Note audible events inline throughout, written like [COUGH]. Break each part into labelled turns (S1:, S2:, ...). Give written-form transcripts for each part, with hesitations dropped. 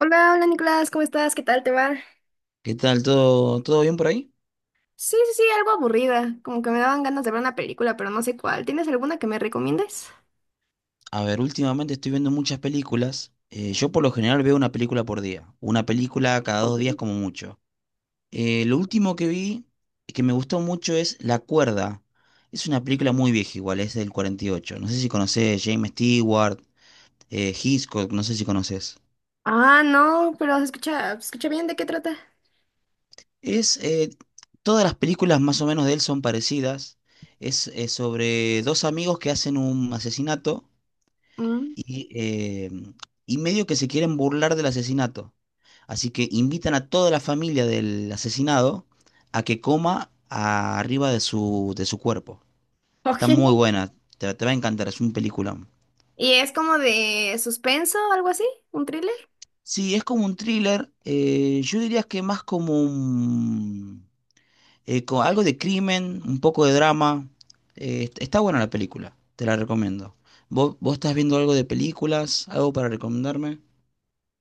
S1: Hola, hola Nicolás, ¿cómo estás? ¿Qué tal te va?
S2: ¿Qué tal? ¿Todo bien por ahí?
S1: Sí, sí, sí, algo aburrida, como que me daban ganas de ver una película, pero no sé cuál. ¿Tienes alguna que me recomiendes?
S2: A ver, últimamente estoy viendo muchas películas. Yo por lo general veo una película por día, una película cada dos días como mucho. Lo último que vi que me gustó mucho es La Cuerda. Es una película muy vieja igual, es del 48. No sé si conoces James Stewart, Hitchcock, no sé si conoces.
S1: Ah, no, pero se escucha bien, ¿de qué trata?
S2: Es, eh, Todas las películas más o menos de él son parecidas. Sobre dos amigos que hacen un asesinato
S1: Mm.
S2: y, eh, y medio que se quieren burlar del asesinato. Así que invitan a toda la familia del asesinado a que coma arriba de de su cuerpo.
S1: [LAUGHS] Ok.
S2: Está muy buena, te va a encantar, es un peliculón.
S1: ¿Y es como de suspenso o algo así? ¿Un thriller?
S2: Sí, es como un thriller, yo diría que más como un algo de crimen, un poco de drama. Está buena la película, te la recomiendo. ¿Vos estás viendo algo de películas? ¿Algo para recomendarme?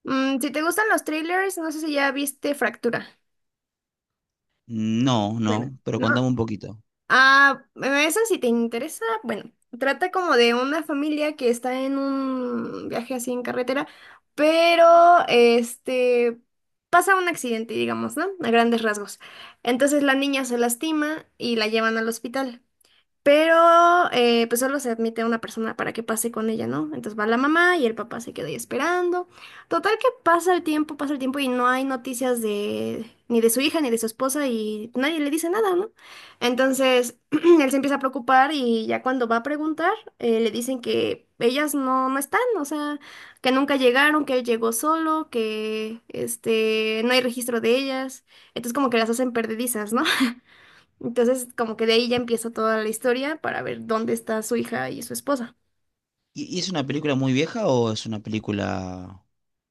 S1: Si te gustan los thrillers, no sé si ya viste Fractura.
S2: No,
S1: Bueno,
S2: no, pero
S1: ¿no?
S2: contame un poquito.
S1: Ah, esa si te interesa, bueno, trata como de una familia que está en un viaje así en carretera, pero este pasa un accidente, digamos, ¿no? A grandes rasgos. Entonces la niña se lastima y la llevan al hospital. Pero pues solo se admite a una persona para que pase con ella, ¿no? Entonces va la mamá y el papá se queda ahí esperando. Total que pasa el tiempo y no hay noticias de ni de su hija ni de su esposa y nadie le dice nada, ¿no? Entonces [CLEARS THROAT] él se empieza a preocupar y ya cuando va a preguntar le dicen que ellas no, no están, o sea, que nunca llegaron, que él llegó solo, que este no hay registro de ellas. Entonces como que las hacen perdedizas, ¿no? [LAUGHS] Entonces, como que de ahí ya empieza toda la historia para ver dónde está su hija y su esposa.
S2: ¿Y es una película muy vieja o es una película?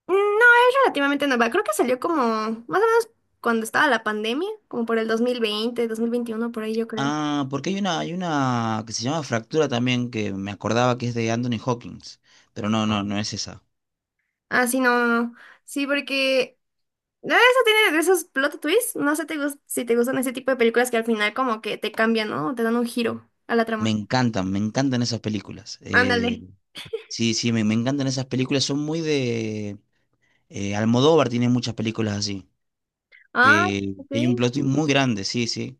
S1: No, es relativamente nueva. Creo que salió como más o menos cuando estaba la pandemia, como por el dos mil veinte 2021 por ahí yo creo.
S2: Ah, porque hay una que se llama Fractura también, que me acordaba que es de Anthony Hawkins, pero no es esa.
S1: Ah, sí, no, no, no. Sí, porque no, eso tiene de esos plot twists. Si te gustan ese tipo de películas que al final como que te cambian, ¿no? Te dan un giro a la trama.
S2: Me encantan esas películas.
S1: Ándale.
S2: Sí, sí, me encantan esas películas, son muy de Almodóvar tiene muchas películas así,
S1: Ah, ok.
S2: que hay un plot twist muy grande, sí, sí.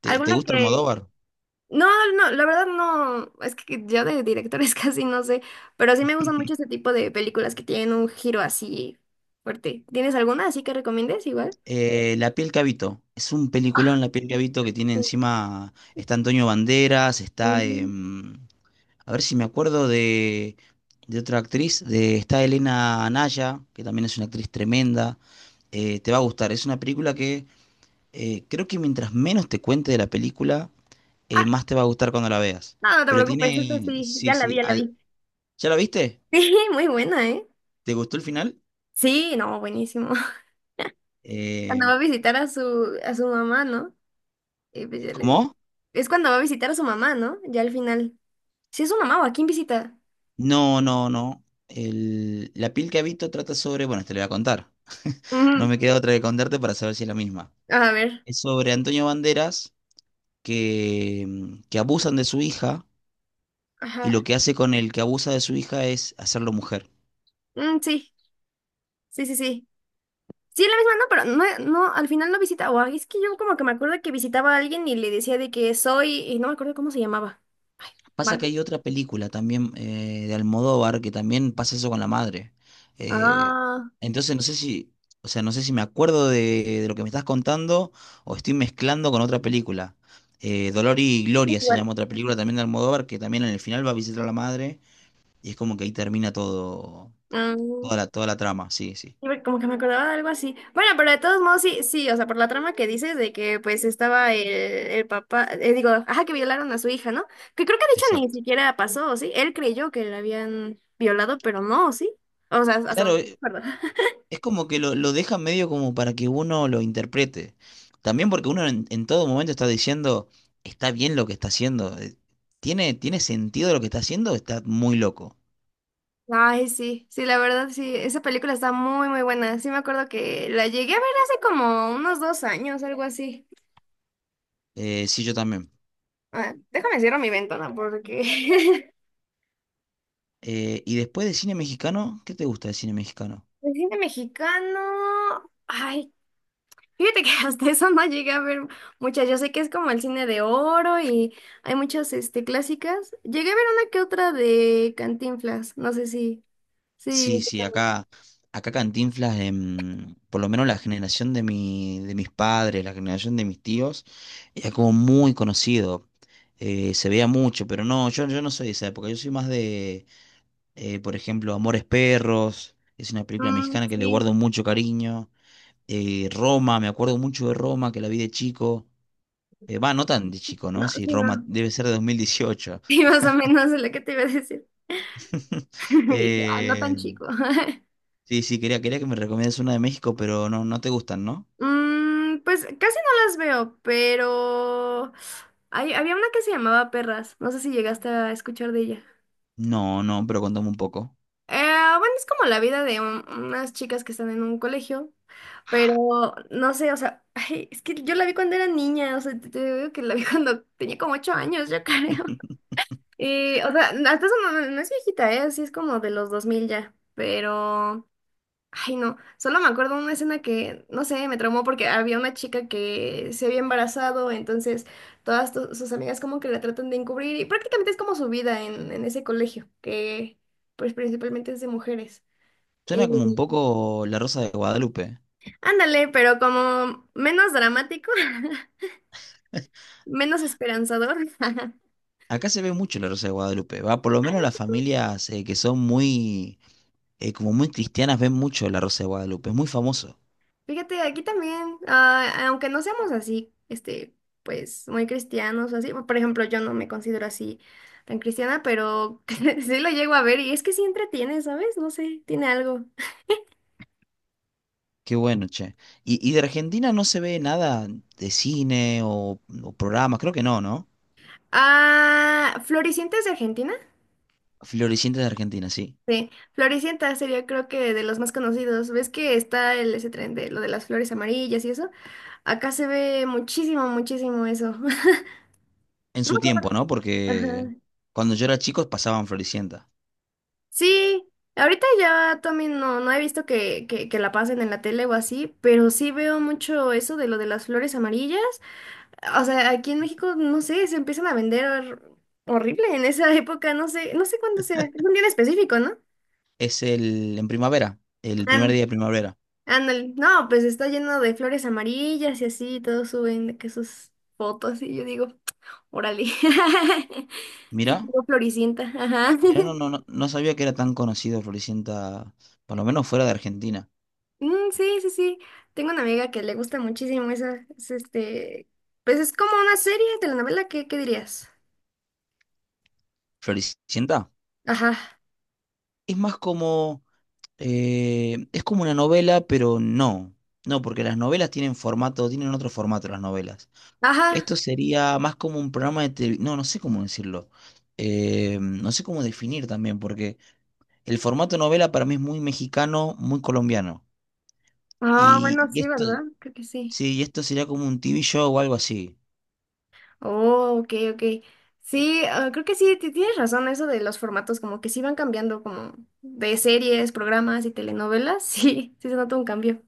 S2: ¿Te
S1: ¿Alguna
S2: gusta
S1: que...
S2: Almodóvar?
S1: No, no, la verdad no, es que yo de directores [LAUGHS] casi no sé, pero sí me gustan mucho este tipo de películas que tienen un giro así fuerte. ¿Tienes alguna así que recomiendes igual?
S2: La piel que habito, es un
S1: Ah,
S2: peliculón La piel que habito que tiene
S1: sí,
S2: encima, está Antonio Banderas, está
S1: ujú.
S2: a ver si me acuerdo de otra actriz, de está Elena Anaya, que también es una actriz tremenda. Te va a gustar. Es una película que creo que mientras menos te cuente de la película,
S1: Ah,
S2: más te va a gustar cuando la veas.
S1: no, no te
S2: Pero
S1: preocupes, esa
S2: tiene,
S1: sí,
S2: sí,
S1: ya la vi,
S2: sí.
S1: ya la vi. [LAUGHS]
S2: ¿Ya la viste?
S1: Sí, muy buena, ¿eh?
S2: ¿Te gustó el final?
S1: Sí, no, buenísimo. [LAUGHS] Cuando
S2: Eh,
S1: va a visitar a su mamá, ¿no? Y pues ya le-
S2: ¿Cómo?
S1: Es cuando va a visitar a su mamá, ¿no? Ya al final. ¿Sí es su mamá o a quién visita?
S2: No, no, no. La piel que habito trata sobre, bueno, te lo voy a contar. No
S1: Mm,
S2: me queda otra que contarte para saber si es la misma.
S1: a ver,
S2: Es sobre Antonio Banderas que, que abusan de su hija y
S1: ajá.
S2: lo que hace con el que abusa de su hija es hacerlo mujer.
S1: Mm, sí, sí, sí, sí. Sí, es la misma, no, pero no, no, al final no visitaba. Es que yo como que me acuerdo que visitaba a alguien y le decía de que soy, y no me acuerdo cómo se llamaba.
S2: Pasa que
S1: ¿Marco?
S2: hay otra película también de Almodóvar que también pasa eso con la madre. Eh,
S1: Ah,
S2: entonces no sé si, o sea, no sé si me acuerdo de lo que me estás contando o estoy mezclando con otra película. Dolor y Gloria se
S1: igual.
S2: llama otra película también de Almodóvar que también en el final va a visitar a la madre y es como que ahí termina todo,
S1: Mm,
S2: toda toda la trama, sí, sí,
S1: sí, porque como que me acordaba de algo así. Bueno, pero de todos modos, sí, sí, o sea, por la trama que dices de que pues estaba el papá, digo, ajá, que violaron a su hija, ¿no? Que creo que de hecho ni
S2: exacto.
S1: siquiera pasó, ¿sí? Él creyó que la habían violado, pero no, ¿sí? O sea, hasta
S2: Claro,
S1: donde me acuerdo.
S2: es como que lo deja medio como para que uno lo interprete. También porque uno en todo momento está diciendo, está bien lo que está haciendo. ¿Tiene sentido lo que está haciendo? Está muy loco.
S1: Ay, sí, sí, la verdad, sí, esa película está muy, muy buena. Sí, me acuerdo que la llegué a ver hace como unos 2 años, algo así.
S2: Sí, yo también.
S1: Ah, déjame cierro mi ventana porque [LAUGHS]
S2: Y después de cine mexicano, ¿qué te gusta de cine mexicano?
S1: el cine mexicano, ay, fíjate que [LAUGHS] hasta eso no llegué a ver muchas. Yo sé que es como el cine de oro y hay muchas, este, clásicas. Llegué a ver una que otra de Cantinflas, no sé si, sí,
S2: Sí, sí, acá Cantinflas, por lo menos la generación de mi, de mis padres, la generación de mis tíos, era como muy conocido. Se veía mucho, pero no, yo no soy de esa época, yo soy más de por ejemplo, Amores Perros, es una película
S1: mm,
S2: mexicana que le guardo
S1: sí,
S2: mucho cariño. Roma, me acuerdo mucho de Roma, que la vi de chico. Va, no tan de chico,
S1: no,
S2: ¿no? Si
S1: sí,
S2: Roma
S1: no.
S2: debe
S1: [LAUGHS]
S2: ser de 2018.
S1: Sí, más o menos es lo que te iba a decir.
S2: [LAUGHS]
S1: [LAUGHS] Y dije, ah, no tan
S2: Eh,
S1: chico. [LAUGHS]
S2: sí, sí, quería que me recomiendas una de México, pero no, no te gustan, ¿no?
S1: Pues casi no las veo, pero había una que se llamaba Perras. No sé si llegaste a escuchar de ella.
S2: No, no, pero contame un poco.
S1: Eh, bueno, es como la vida de unas chicas que están en un colegio, pero no sé, o sea, [LAUGHS] ay, es que yo la vi cuando era niña, o sea, te digo que la vi [LAUGHS] cuando tenía como 8 años, yo creo.
S2: [LAUGHS]
S1: Y, o sea, hasta eso no, no es viejita, ¿eh? Así es como de los 2000 ya, pero... Ay, no, solo me acuerdo una escena que, no sé, me traumó porque había una chica que se había embarazado, entonces todas sus amigas como que la tratan de encubrir y prácticamente es como su vida en ese colegio, que pues principalmente es de mujeres. Eh,
S2: Suena como un poco La Rosa de Guadalupe.
S1: ándale, pero como menos dramático, [LAUGHS] menos esperanzador. [LAUGHS]
S2: Acá se ve mucho La Rosa de Guadalupe, va, por lo menos las familias que son muy, como muy cristianas ven mucho La Rosa de Guadalupe, es muy famoso.
S1: Fíjate, aquí también, ah, aunque no seamos así, este, pues muy cristianos o así, por ejemplo, yo no me considero así tan cristiana, pero [LAUGHS] sí lo llego a ver y es que sí entretiene, ¿sabes? No sé, tiene algo. [LAUGHS]
S2: Qué bueno, che. ¿Y de Argentina no se ve nada de cine o programas? Creo que no, ¿no?
S1: Ah, Floricienta es de Argentina.
S2: Floricienta de Argentina, sí.
S1: Sí, Floricienta sería creo que de los más conocidos. ¿Ves que está ese tren de lo de las flores amarillas y eso? Acá se ve muchísimo, muchísimo eso. [LAUGHS]
S2: En
S1: No. Me
S2: su tiempo,
S1: acuerdo.
S2: ¿no? Porque
S1: Ajá.
S2: cuando yo era chico pasaban Floricienta.
S1: Sí, ahorita ya también no, no he visto que la pasen en la tele o así, pero sí veo mucho eso de lo de las flores amarillas. O sea, aquí en México, no sé, se empiezan a vender horrible en esa [LAUGHS] época, no sé, no sé cuándo sea, es un día en específico, ¿no?
S2: Es el en primavera, el primer día
S1: Án-
S2: de primavera.
S1: Ándale, no, pues está lleno de flores amarillas y así, todos suben de que sus fotos y yo digo, órale. [LAUGHS]
S2: Mirá,
S1: Sí, como floricienta, ajá.
S2: mirá,
S1: [LAUGHS]
S2: no sabía que era tan conocido Floricienta, por lo menos fuera de Argentina.
S1: Mm, sí, sí, sí. Tengo una amiga que le gusta muchísimo esa, es este, pues es como una serie, telenovela, ¿qué dirías?
S2: Floricienta
S1: Ajá,
S2: es más como, es como una novela, pero no. No, porque las novelas tienen formato, tienen otro formato las novelas.
S1: ajá.
S2: Esto sería más como un programa de televisión. No, no sé cómo decirlo. No sé cómo definir también, porque el formato novela para mí es muy mexicano, muy colombiano.
S1: Ah,
S2: Y,
S1: bueno,
S2: y
S1: sí,
S2: esto,
S1: ¿verdad? Creo que sí.
S2: sí, y esto sería como un TV show o algo así.
S1: Oh, ok, ok. Sí, ah, creo que sí, tienes razón, eso de los formatos, como que sí van cambiando, como de series, programas y telenovelas, [LAUGHS] sí, sí se nota un cambio.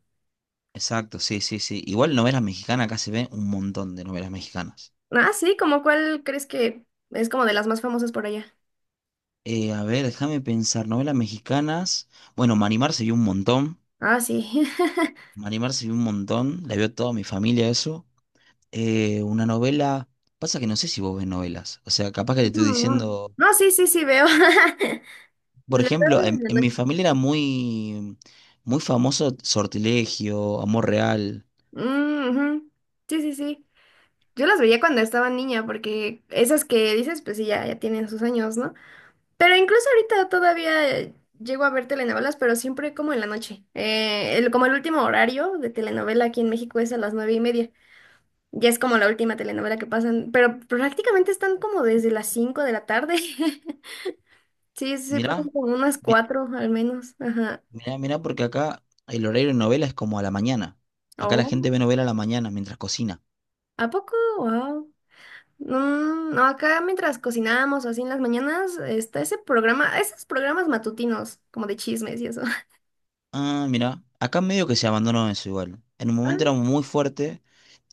S2: Exacto, sí, sí, sí. Igual novelas mexicanas, acá se ven un montón de novelas mexicanas.
S1: Ah, sí, ¿como cuál crees que es como de las más famosas por allá?
S2: A ver, déjame pensar, novelas mexicanas. Bueno, Manimar se vio un montón.
S1: Ah, sí. [LAUGHS]
S2: Manimar se vio un montón. La vio toda mi familia eso. Una novela. Pasa que no sé si vos ves novelas. O sea, capaz que te estoy
S1: No, no.
S2: diciendo.
S1: No, sí, sí, sí, veo. [LAUGHS]
S2: Por
S1: Veo
S2: ejemplo,
S1: en la
S2: en mi
S1: noche.
S2: familia era muy famoso Sortilegio, Amor Real.
S1: Mm, ujú. Sí, sí, sí. Yo las veía cuando estaba niña, porque esas que dices, pues sí, ya, ya tienen sus años, ¿no? Pero incluso ahorita todavía llego a ver telenovelas, pero siempre como en la noche. Como el último horario de telenovela aquí en México es a las 9:30. Ya es como la última telenovela que pasan, pero prácticamente están como desde las 5 de la tarde. [LAUGHS] Sí, sí, pasan
S2: Mirá,
S1: como unas
S2: mi-
S1: cuatro al menos. Ajá.
S2: mirá, porque acá el horario de novela es como a la mañana. Acá la gente
S1: Oh,
S2: ve novela a la mañana mientras cocina.
S1: ¿a poco? Wow. No, acá mientras cocinábamos o así en las mañanas, está ese programa, esos programas matutinos, como de chismes y eso. [LAUGHS]
S2: Ah, mirá. Acá medio que se abandonó eso igual. En un
S1: Ah,
S2: momento era muy fuerte.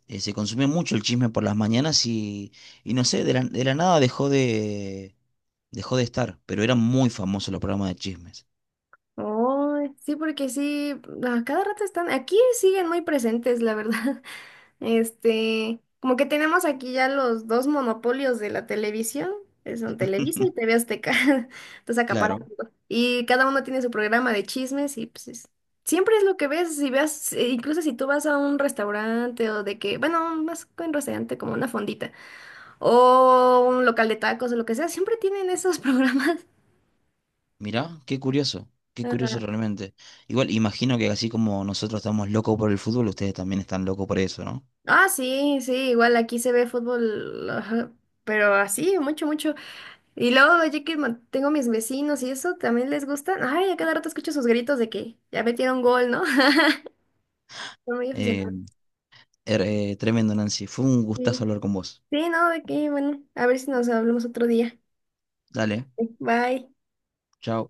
S2: Se consumía mucho el chisme por las mañanas y no sé, de de la nada dejó de estar, pero eran muy famosos los programas de chismes.
S1: oh, sí, porque sí, a cada rato están, aquí siguen muy presentes, la verdad. [LAUGHS] Este, como que tenemos aquí ya los dos monopolios de la televisión, que son Televisa y
S2: [LAUGHS]
S1: TV Azteca. [LAUGHS] Entonces acaparan
S2: Claro,
S1: todo. Y cada uno tiene su programa de chismes y pues es- siempre es lo que ves, si ves, incluso si tú vas a un restaurante o de que, bueno, más que un restaurante como una fondita o un local de tacos o lo que sea, siempre tienen esos [LAUGHS] programas.
S2: mirá, qué curioso
S1: Ajá.
S2: realmente. Igual, imagino que así como nosotros estamos locos por el fútbol, ustedes también están locos por eso, ¿no?
S1: Ah, sí, sí, igual aquí se ve fútbol, ajá, pero así, mucho, mucho. Y luego, yo que tengo mis vecinos y eso, también les gusta. Ay, a cada rato escucho sus gritos de que ya metieron gol, ¿no? [LAUGHS] Son muy aficionados.
S2: Eh, Tremendo, Nancy. Fue un gustazo
S1: Sí.
S2: hablar con vos.
S1: Sí, no, de que, bueno, a ver si nos hablamos otro día.
S2: Dale,
S1: Bye.
S2: chao.